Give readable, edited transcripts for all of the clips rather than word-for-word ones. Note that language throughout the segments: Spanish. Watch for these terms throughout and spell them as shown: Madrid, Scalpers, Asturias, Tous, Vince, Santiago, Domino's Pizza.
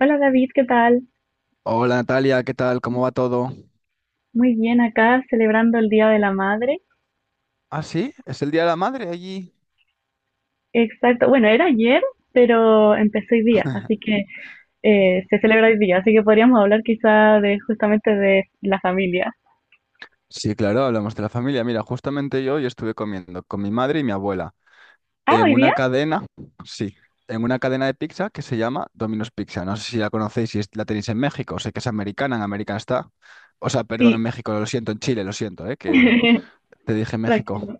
Hola David, ¿qué tal? Hola Natalia, ¿qué tal? ¿Cómo va todo? Muy bien, acá celebrando el Día de la Madre. Ah, sí, es el Día de la Madre allí. Exacto, bueno, era ayer, pero empezó hoy día, así que se celebra hoy día, así que podríamos hablar quizá de justamente de la familia. Sí, claro, hablamos de la familia. Mira, justamente yo hoy estuve comiendo con mi madre y mi abuela Ah, en hoy una día, cadena, sí, en una cadena de pizza que se llama Domino's Pizza. No sé si la conocéis, si es- la tenéis en México, sé que es americana, en América está. O sea, perdón, sí, en México, lo siento, en Chile, lo siento, ¿eh? Que te dije México. tranquilo.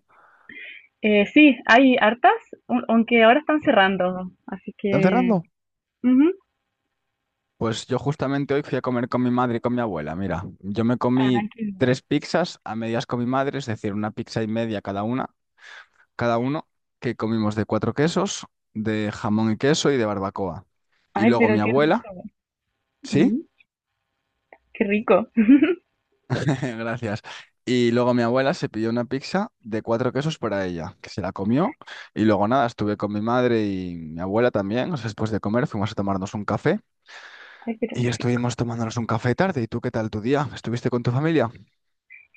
Sí, hay hartas, aunque ahora están cerrando, así ¿Están que... cerrando? Ujú. Pues yo justamente hoy fui a comer con mi madre y con mi abuela. Mira, yo me comí Ay, tres pizzas a medias con mi madre, es decir, una pizza y media cada una. Cada uno, que comimos de cuatro quesos, de jamón y queso y de barbacoa. Y ay, luego mi pero qué abuela, rico. ¿sí? Ujú. Qué rico. Gracias. Y luego mi abuela se pidió una pizza de cuatro quesos para ella, que se la comió. Y luego nada, estuve con mi madre y mi abuela también. O sea, después de comer fuimos a tomarnos un café Ay, pero qué y rico. estuvimos tomándonos un café tarde. ¿Y tú qué tal tu día? ¿Estuviste con tu familia?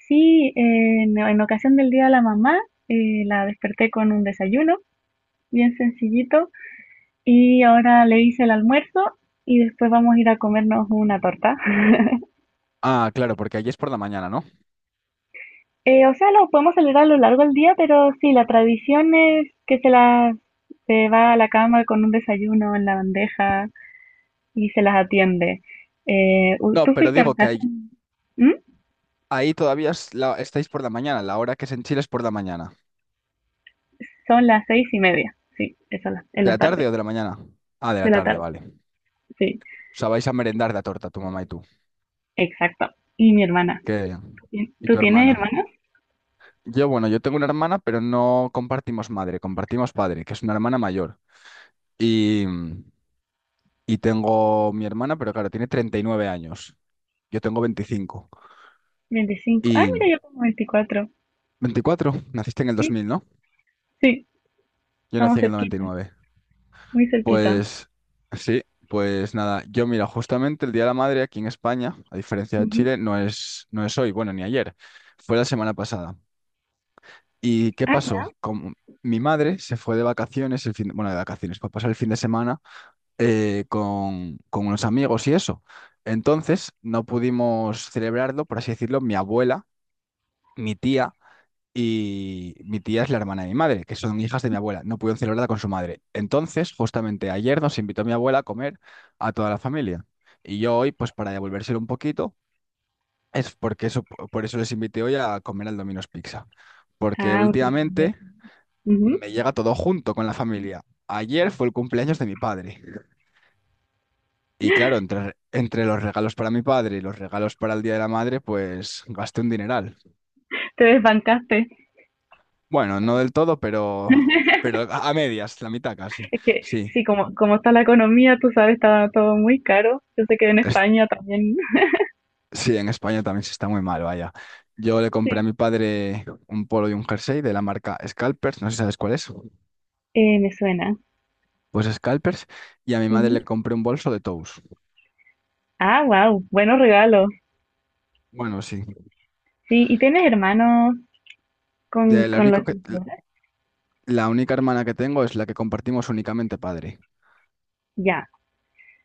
Sí, en ocasión del Día de la Mamá, la desperté con un desayuno bien sencillito y ahora le hice el almuerzo y después vamos a ir a comernos una torta. Ah, claro, porque allí es por la mañana, ¿no? O sea, lo podemos celebrar a lo largo del día, pero sí, la tradición es que se va a la cama con un desayuno en la bandeja y se las atiende. No, ¿Tú pero fuiste en digo que ahí, ocasión? ¿Mm? ahí todavía es estáis por la mañana. La hora que es en Chile es por la mañana. Son las 6:30, sí, eso en la en ¿De la la tarde tarde, o de la mañana? Ah, de la de la tarde, tarde, vale. O sí, sea, vais a merendar la torta, tu mamá y tú. exacto. Y mi hermana. ¿Qué? Bien. ¿Y ¿Tú tu tienes hermana? hermanos? Yo tengo una hermana, pero no compartimos madre, compartimos padre, que es una hermana mayor. Y, y tengo mi hermana, pero claro, tiene 39 años. Yo tengo 25. 25. Ah, Y mira, yo como 24. 24, naciste en el Sí, 2000, ¿no? sí, Yo nací estamos en el noventa y cerquita, nueve. muy cerquita. Pues sí, pues nada, yo mira, justamente el Día de la Madre aquí en España, a diferencia de Ujú. Chile, no es hoy, bueno, ni ayer, fue la semana pasada. ¿Y qué Ah, ya. pasó? Como mi madre se fue de vacaciones, el fin, bueno, de vacaciones, para pasar el fin de semana con unos amigos y eso. Entonces no pudimos celebrarlo, por así decirlo, mi abuela, mi tía, y mi tía es la hermana de mi madre, que son hijas de mi abuela. No pudieron celebrarla con su madre. Entonces, justamente ayer nos invitó mi abuela a comer a toda la familia. Y yo hoy, pues para devolvérselo un poquito, es porque eso, por eso les invité hoy a comer al Domino's Pizza. Porque Ah, un intercambio. últimamente Ujú. me llega todo junto con la familia. Ayer fue el cumpleaños de mi padre. Y claro, entre los regalos para mi padre y los regalos para el Día de la Madre, pues gasté un dineral. Te desbancaste. Bueno, no del todo, pero a medias, la mitad casi. Es que, Sí. sí, como está la economía, tú sabes, está todo muy caro. Yo sé que en Es- España también. sí, en España también se está muy mal, vaya. Yo le compré a Sí, mi padre un polo y un jersey de la marca Scalpers, no sé si sabes cuál es. Me suena. Pues Scalpers, y a mi madre Ujú. le compré un bolso de Tous. Ah, wow, buenos regalos. Bueno, sí. Sí, ¿y tienes hermanos con, De la con los único que que, celebras? la única hermana que tengo es la que compartimos únicamente padre. Ya.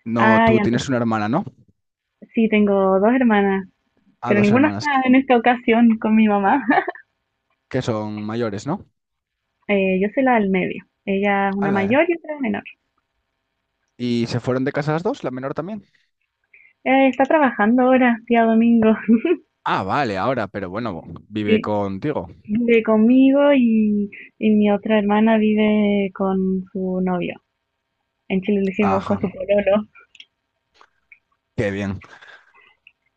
No, Ah, tú ya, entonces tienes una hermana, ¿no? sí, tengo dos hermanas, Ah, pero dos ninguna hermanas que está en esta ocasión con mi mamá. que son mayores, ¿no? Yo soy la del medio. Ella es una Ala, eh. mayor y otra es menor. ¿Y se fueron de casa las dos, la menor también? Está trabajando ahora, día domingo. Ah, vale, ahora, pero bueno, vive Sí, contigo. vive conmigo y mi otra hermana vive con su novio. En Chile le decimos con Ajá, su pololo. qué bien.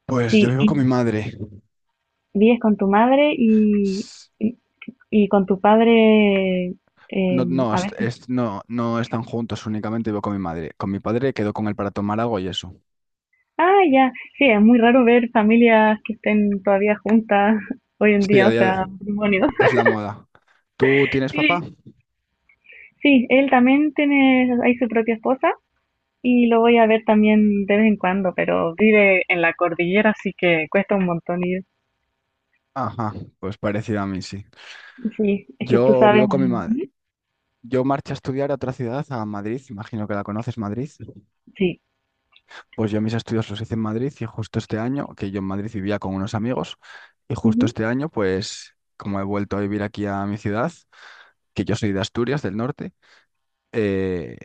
Pues yo Sí, vivo con mi y madre. vives con tu madre S- y, y con tu padre No, eh, no, a veces. No, no están juntos, únicamente vivo con mi madre. Con mi padre quedo con él para tomar algo y eso. Ah, ya. Sí, es muy raro ver familias que estén todavía juntas hoy en Sí, día, a o día sea, de... matrimonios. Es la moda. ¿Tú tienes Sí, papá? sí, él también tiene, hay su propia esposa. Y lo voy a ver también de vez en cuando, pero vive en la cordillera, así que cuesta un montón ir. Ajá, pues parecido a mí, sí. Sí, es que tú Yo sabes. vivo con mi madre. Ay, Yo marché a estudiar a otra ciudad, a Madrid, imagino que la conoces, Madrid. sí. Pues yo mis estudios los hice en Madrid y justo este año, que yo en Madrid vivía con unos amigos, y justo Ujú. este año, pues como he vuelto a vivir aquí a mi ciudad, que yo soy de Asturias, del norte, eh,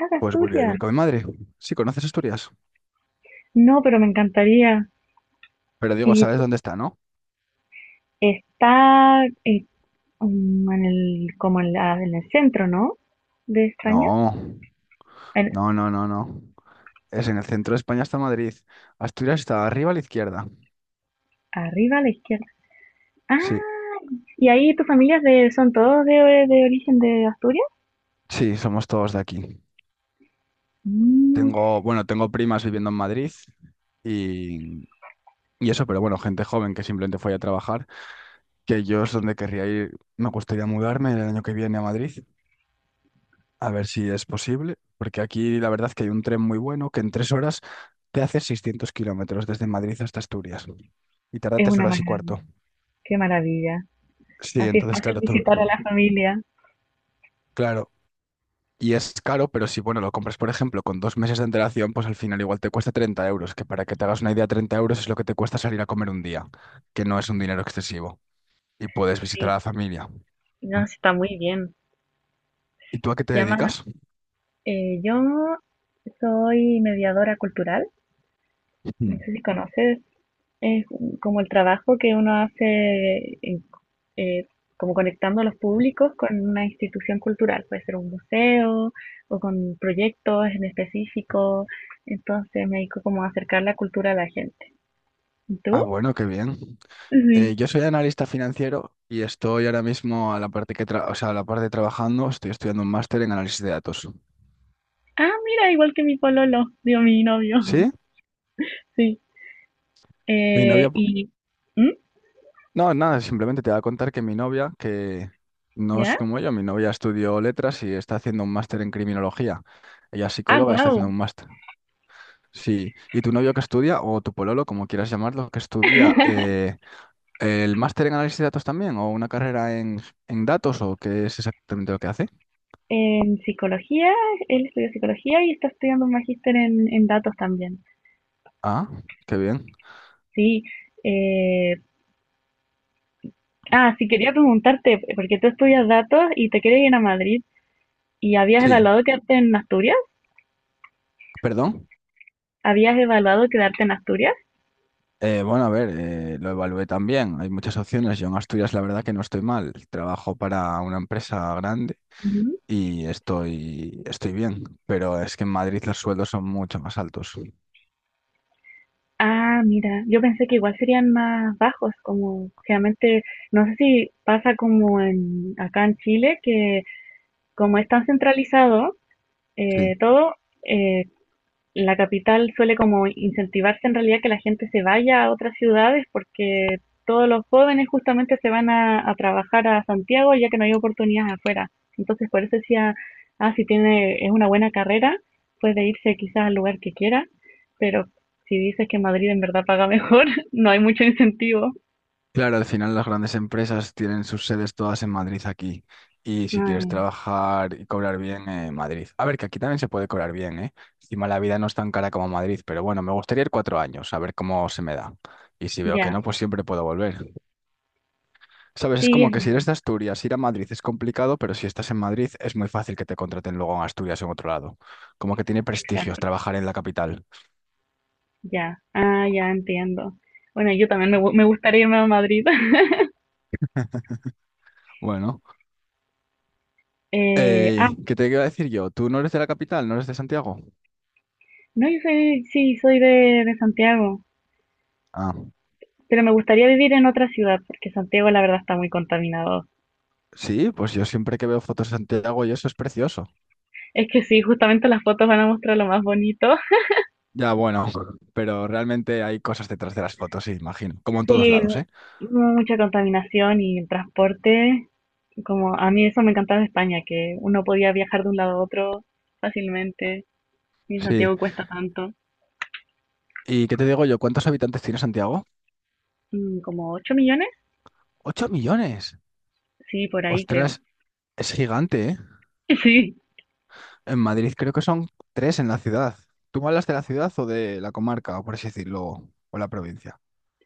Ah, de pues volví a Asturias. vivir con mi madre. Sí, conoces Asturias, No, pero me encantaría. pero digo, Y ¿sabes dónde está, no? está en el centro, ¿no? De España. No, En- no, no, no, no. Es en el centro de España está Madrid. Asturias está arriba a la izquierda. Arriba a la izquierda. Sí, Ah, y ahí tu familia son todos de origen de Asturias. sí, somos todos de aquí. Mm, Tengo, bueno, tengo primas viviendo en Madrid y, y eso, pero bueno, gente joven que simplemente fue a trabajar. Que yo es donde querría ir. Me gustaría mudarme el año que viene a Madrid, a ver si es posible, porque aquí la verdad que hay un tren muy bueno que en 3 horas te hace 600 kilómetros desde Madrid hasta Asturias y tarda es tres una horas y maravilla. cuarto. Qué maravilla. Sí, Así es entonces fácil claro, visitar a la familia. claro. Y es caro, pero si bueno, lo compras, por ejemplo, con 2 meses de antelación, pues al final igual te cuesta 30 euros, que para que te hagas una idea, 30 euros es lo que te cuesta salir a comer un día, que no es un dinero excesivo. Y puedes visitar a Sí. la familia. No, sí, está muy bien. ¿Y tú a qué te Llama, dedicas? Yo soy mediadora cultural, no Mm. sé si conoces, es como el trabajo que uno hace eh, como conectando a los públicos con una institución cultural, puede ser un museo o con proyectos en específico, entonces me dedico como a acercar la cultura a la gente. ¿Y Ah, tú? bueno, qué bien. Sí. Yo soy analista financiero y estoy ahora mismo a la parte que o sea, a la parte trabajando, estoy estudiando un máster en análisis de datos. Ah, mira, igual que mi pololo, digo, mi novio. ¿Sí? Sí. Mi Eh, novia, po- y... ¿Mm? no, nada, simplemente te voy a contar que mi novia, que no es ¿Ya? como yo, mi novia estudió letras y está haciendo un máster en criminología. Ella es Ah, psicóloga y está haciendo wow. un máster. Sí. ¿Y tu novio que estudia, o tu pololo, como quieras llamarlo, que estudia el máster en análisis de datos también, o una carrera en, datos, o qué es exactamente lo que hace? En psicología, él estudió psicología y está estudiando un magíster en datos también. Ah, qué bien. Sí. Eh, sí, quería preguntarte, porque tú estudias datos y te quieres ir a Madrid y habías Sí, evaluado quedarte en Asturias. perdón. ¿Habías evaluado quedarte en Asturias? Bueno, a ver, lo evalué también. Hay muchas opciones. Yo en Asturias, la verdad que no estoy mal. Trabajo para una empresa grande Ujú. y estoy bien. Pero es que en Madrid los sueldos son mucho más altos. Ah, mira, yo pensé que igual serían más bajos, como generalmente, no sé si pasa como en acá en Chile, que como es tan centralizado Sí. Todo, eh, la capital suele como incentivarse en realidad que la gente se vaya a otras ciudades porque todos los jóvenes justamente se van a trabajar a Santiago ya que no hay oportunidades afuera. Entonces por eso decía, si tiene, es una buena carrera, puede irse quizás al lugar que quiera, pero si dices que Madrid en verdad paga mejor, no hay mucho incentivo. Claro, al final las grandes empresas tienen sus sedes todas en Madrid aquí. Y si quieres Ah, trabajar y cobrar bien, en Madrid. A ver, que aquí también se puede cobrar bien, ¿eh? Encima la vida no es tan cara como Madrid, pero bueno, me gustaría ir 4 años, a ver cómo se me da. Y si veo que ya, no, pues siempre puedo volver. Sabes, es sí, como es que si eres de Asturias, ir a Madrid es complicado, pero si estás en Madrid es muy fácil que te contraten luego en Asturias o en otro lado. Como que tiene prestigios exacto, trabajar en la capital. ya, ya entiendo. Bueno, yo también me gustaría irme a Madrid. Bueno, Eh, ah, ¿qué te iba a decir yo? ¿Tú no eres de la capital? ¿No eres de Santiago? No, yo soy, sí, soy de Santiago, Ah, pero me gustaría vivir en otra ciudad porque Santiago la verdad está muy contaminado. sí, pues yo siempre que veo fotos de Santiago y eso es precioso. Es que sí, justamente las fotos van a mostrar lo más bonito. Ya, bueno, pero realmente hay cosas detrás de las fotos, sí, imagino. Como en todos Sí, lados, mu- ¿eh? mucha contaminación y el transporte. Como a mí eso me encantaba de España, que uno podía viajar de un lado a otro fácilmente. Y en Sí. Santiago cuesta tanto. ¿Y qué te digo yo? ¿Cuántos habitantes tiene Santiago? Mm, como 8 millones, ¡8 millones! sí, por ahí creo. Ostras, es gigante, ¿eh? En Madrid creo que son tres en la ciudad. ¿Tú me hablas de la ciudad o de la comarca, o por así decirlo, o la provincia?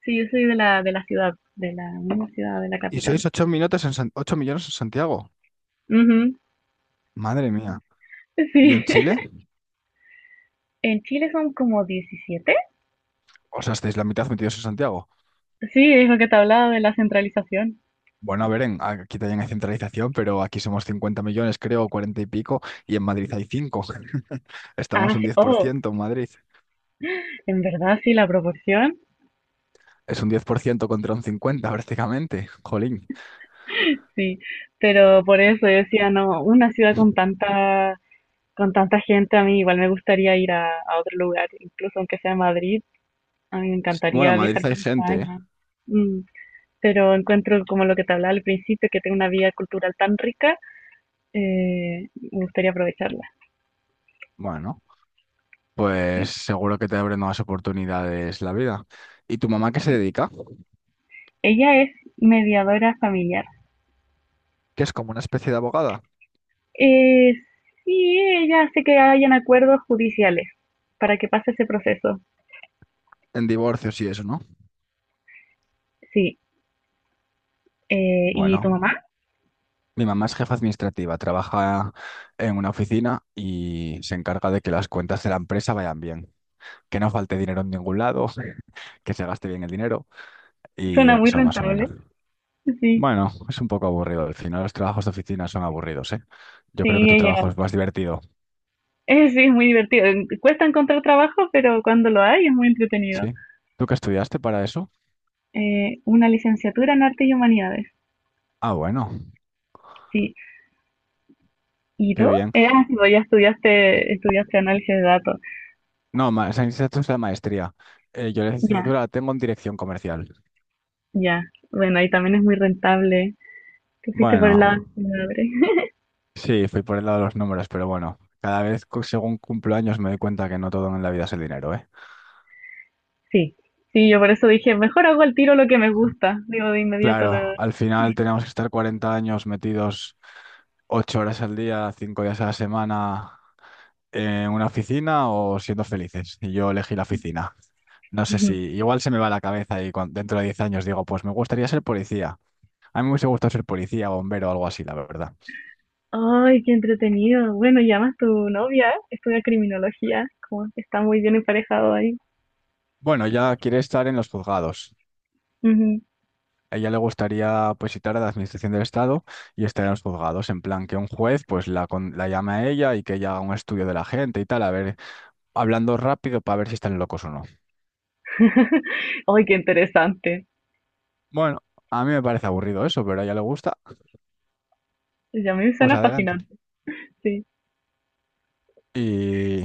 Sí, sí, yo soy de la ciudad, de la misma ciudad, de la Y sois capital. 8 millones en Santiago. Ujú. Madre mía. ¿Y Sí. en Chile? En Chile son como 17. O sea, estáis la mitad metidos en Santiago. Sí, es lo que te hablaba de la centralización. Bueno, a ver, aquí también hay centralización, pero aquí somos 50 millones, creo, 40 y pico, y en Madrid hay 5. Estamos Ah, un sí, diez por oh, ciento en Madrid. en verdad sí, la proporción, Es un 10% contra un 50 prácticamente. Jolín. sí, pero por eso yo decía, no, una ciudad con tanta, gente, a mí igual me gustaría ir a otro lugar, incluso aunque sea Madrid, a mí me Bueno, encantaría en Madrid viajar hay por gente, ¿eh? España. Mm, pero encuentro como lo que te hablaba al principio, que tengo una vida cultural tan rica, me gustaría aprovecharla. Bueno. Pues Sí. seguro que te abre nuevas oportunidades la vida. ¿Y tu mamá qué se Sí. dedica? Ella es mediadora familiar. Que es como una especie de abogada Eh, sí, ella hace que hayan acuerdos judiciales para que pase ese proceso. en divorcios y eso, ¿no? Sí. ¿Y Bueno, tu mamá? mi mamá es jefa administrativa, trabaja en una oficina y se encarga de que las cuentas de la empresa vayan bien, que no falte dinero en ningún lado, que se gaste bien el dinero y Suena muy eso más o rentable. menos. Sí, Bueno, es un poco aburrido. Al final los trabajos de oficina son aburridos, ¿eh? Yo creo que sí, tu trabajo ella. es más divertido, Sí, es muy divertido. Cuesta encontrar trabajo, pero cuando lo hay es muy entretenido. ¿sí? ¿Tú qué estudiaste para eso? Una licenciatura en Artes y Humanidades. Ah, bueno, Sí. ¿Y qué tú? bien. Sí, pues ya estudiaste análisis de datos. No, esa licenciatura es la maestría. Yo la Ya, licenciatura la tengo en dirección comercial. ya. Bueno, ahí también es muy rentable. Te fuiste por el lado Bueno, de. sí, fui por el lado de los números, pero bueno, cada vez según cumplo años me doy cuenta que no todo en la vida es el dinero, ¿eh? Sí, sí, yo por eso dije, mejor hago al tiro lo que me gusta. Digo, de inmediato lo... Claro, al final tenemos que estar 40 años metidos 8 horas al día, 5 días a la semana en una oficina o siendo felices. Y yo elegí la oficina. No sé si igual se me va la cabeza y dentro de 10 años digo, pues me gustaría ser policía. A mí me hubiese gustado ser policía, bombero o algo así, la verdad. Ay, qué entretenido. Bueno, llamas tu novia, estudia criminología, como que está muy bien emparejado ahí. Bueno, ella quiere estar en los juzgados. Ujú. A ella le gustaría pues citar a la Administración del Estado y estar en los juzgados, en plan que un juez pues la llame a ella y que ella haga un estudio de la gente y tal, a ver, hablando rápido para ver si están locos o no. Ay, qué interesante. Bueno, a mí me parece aburrido eso, pero a ella le gusta, Ya me pues suena adelante. fascinante. Sí, Y,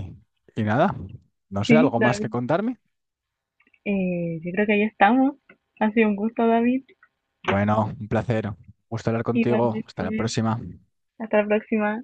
y nada, no sé, sí, ¿algo más que David. contarme? Yo creo que ahí estamos. Ha sido un gusto, David. Bueno, un placer, gusto hablar contigo, hasta la Igualmente. próxima. Hasta la próxima.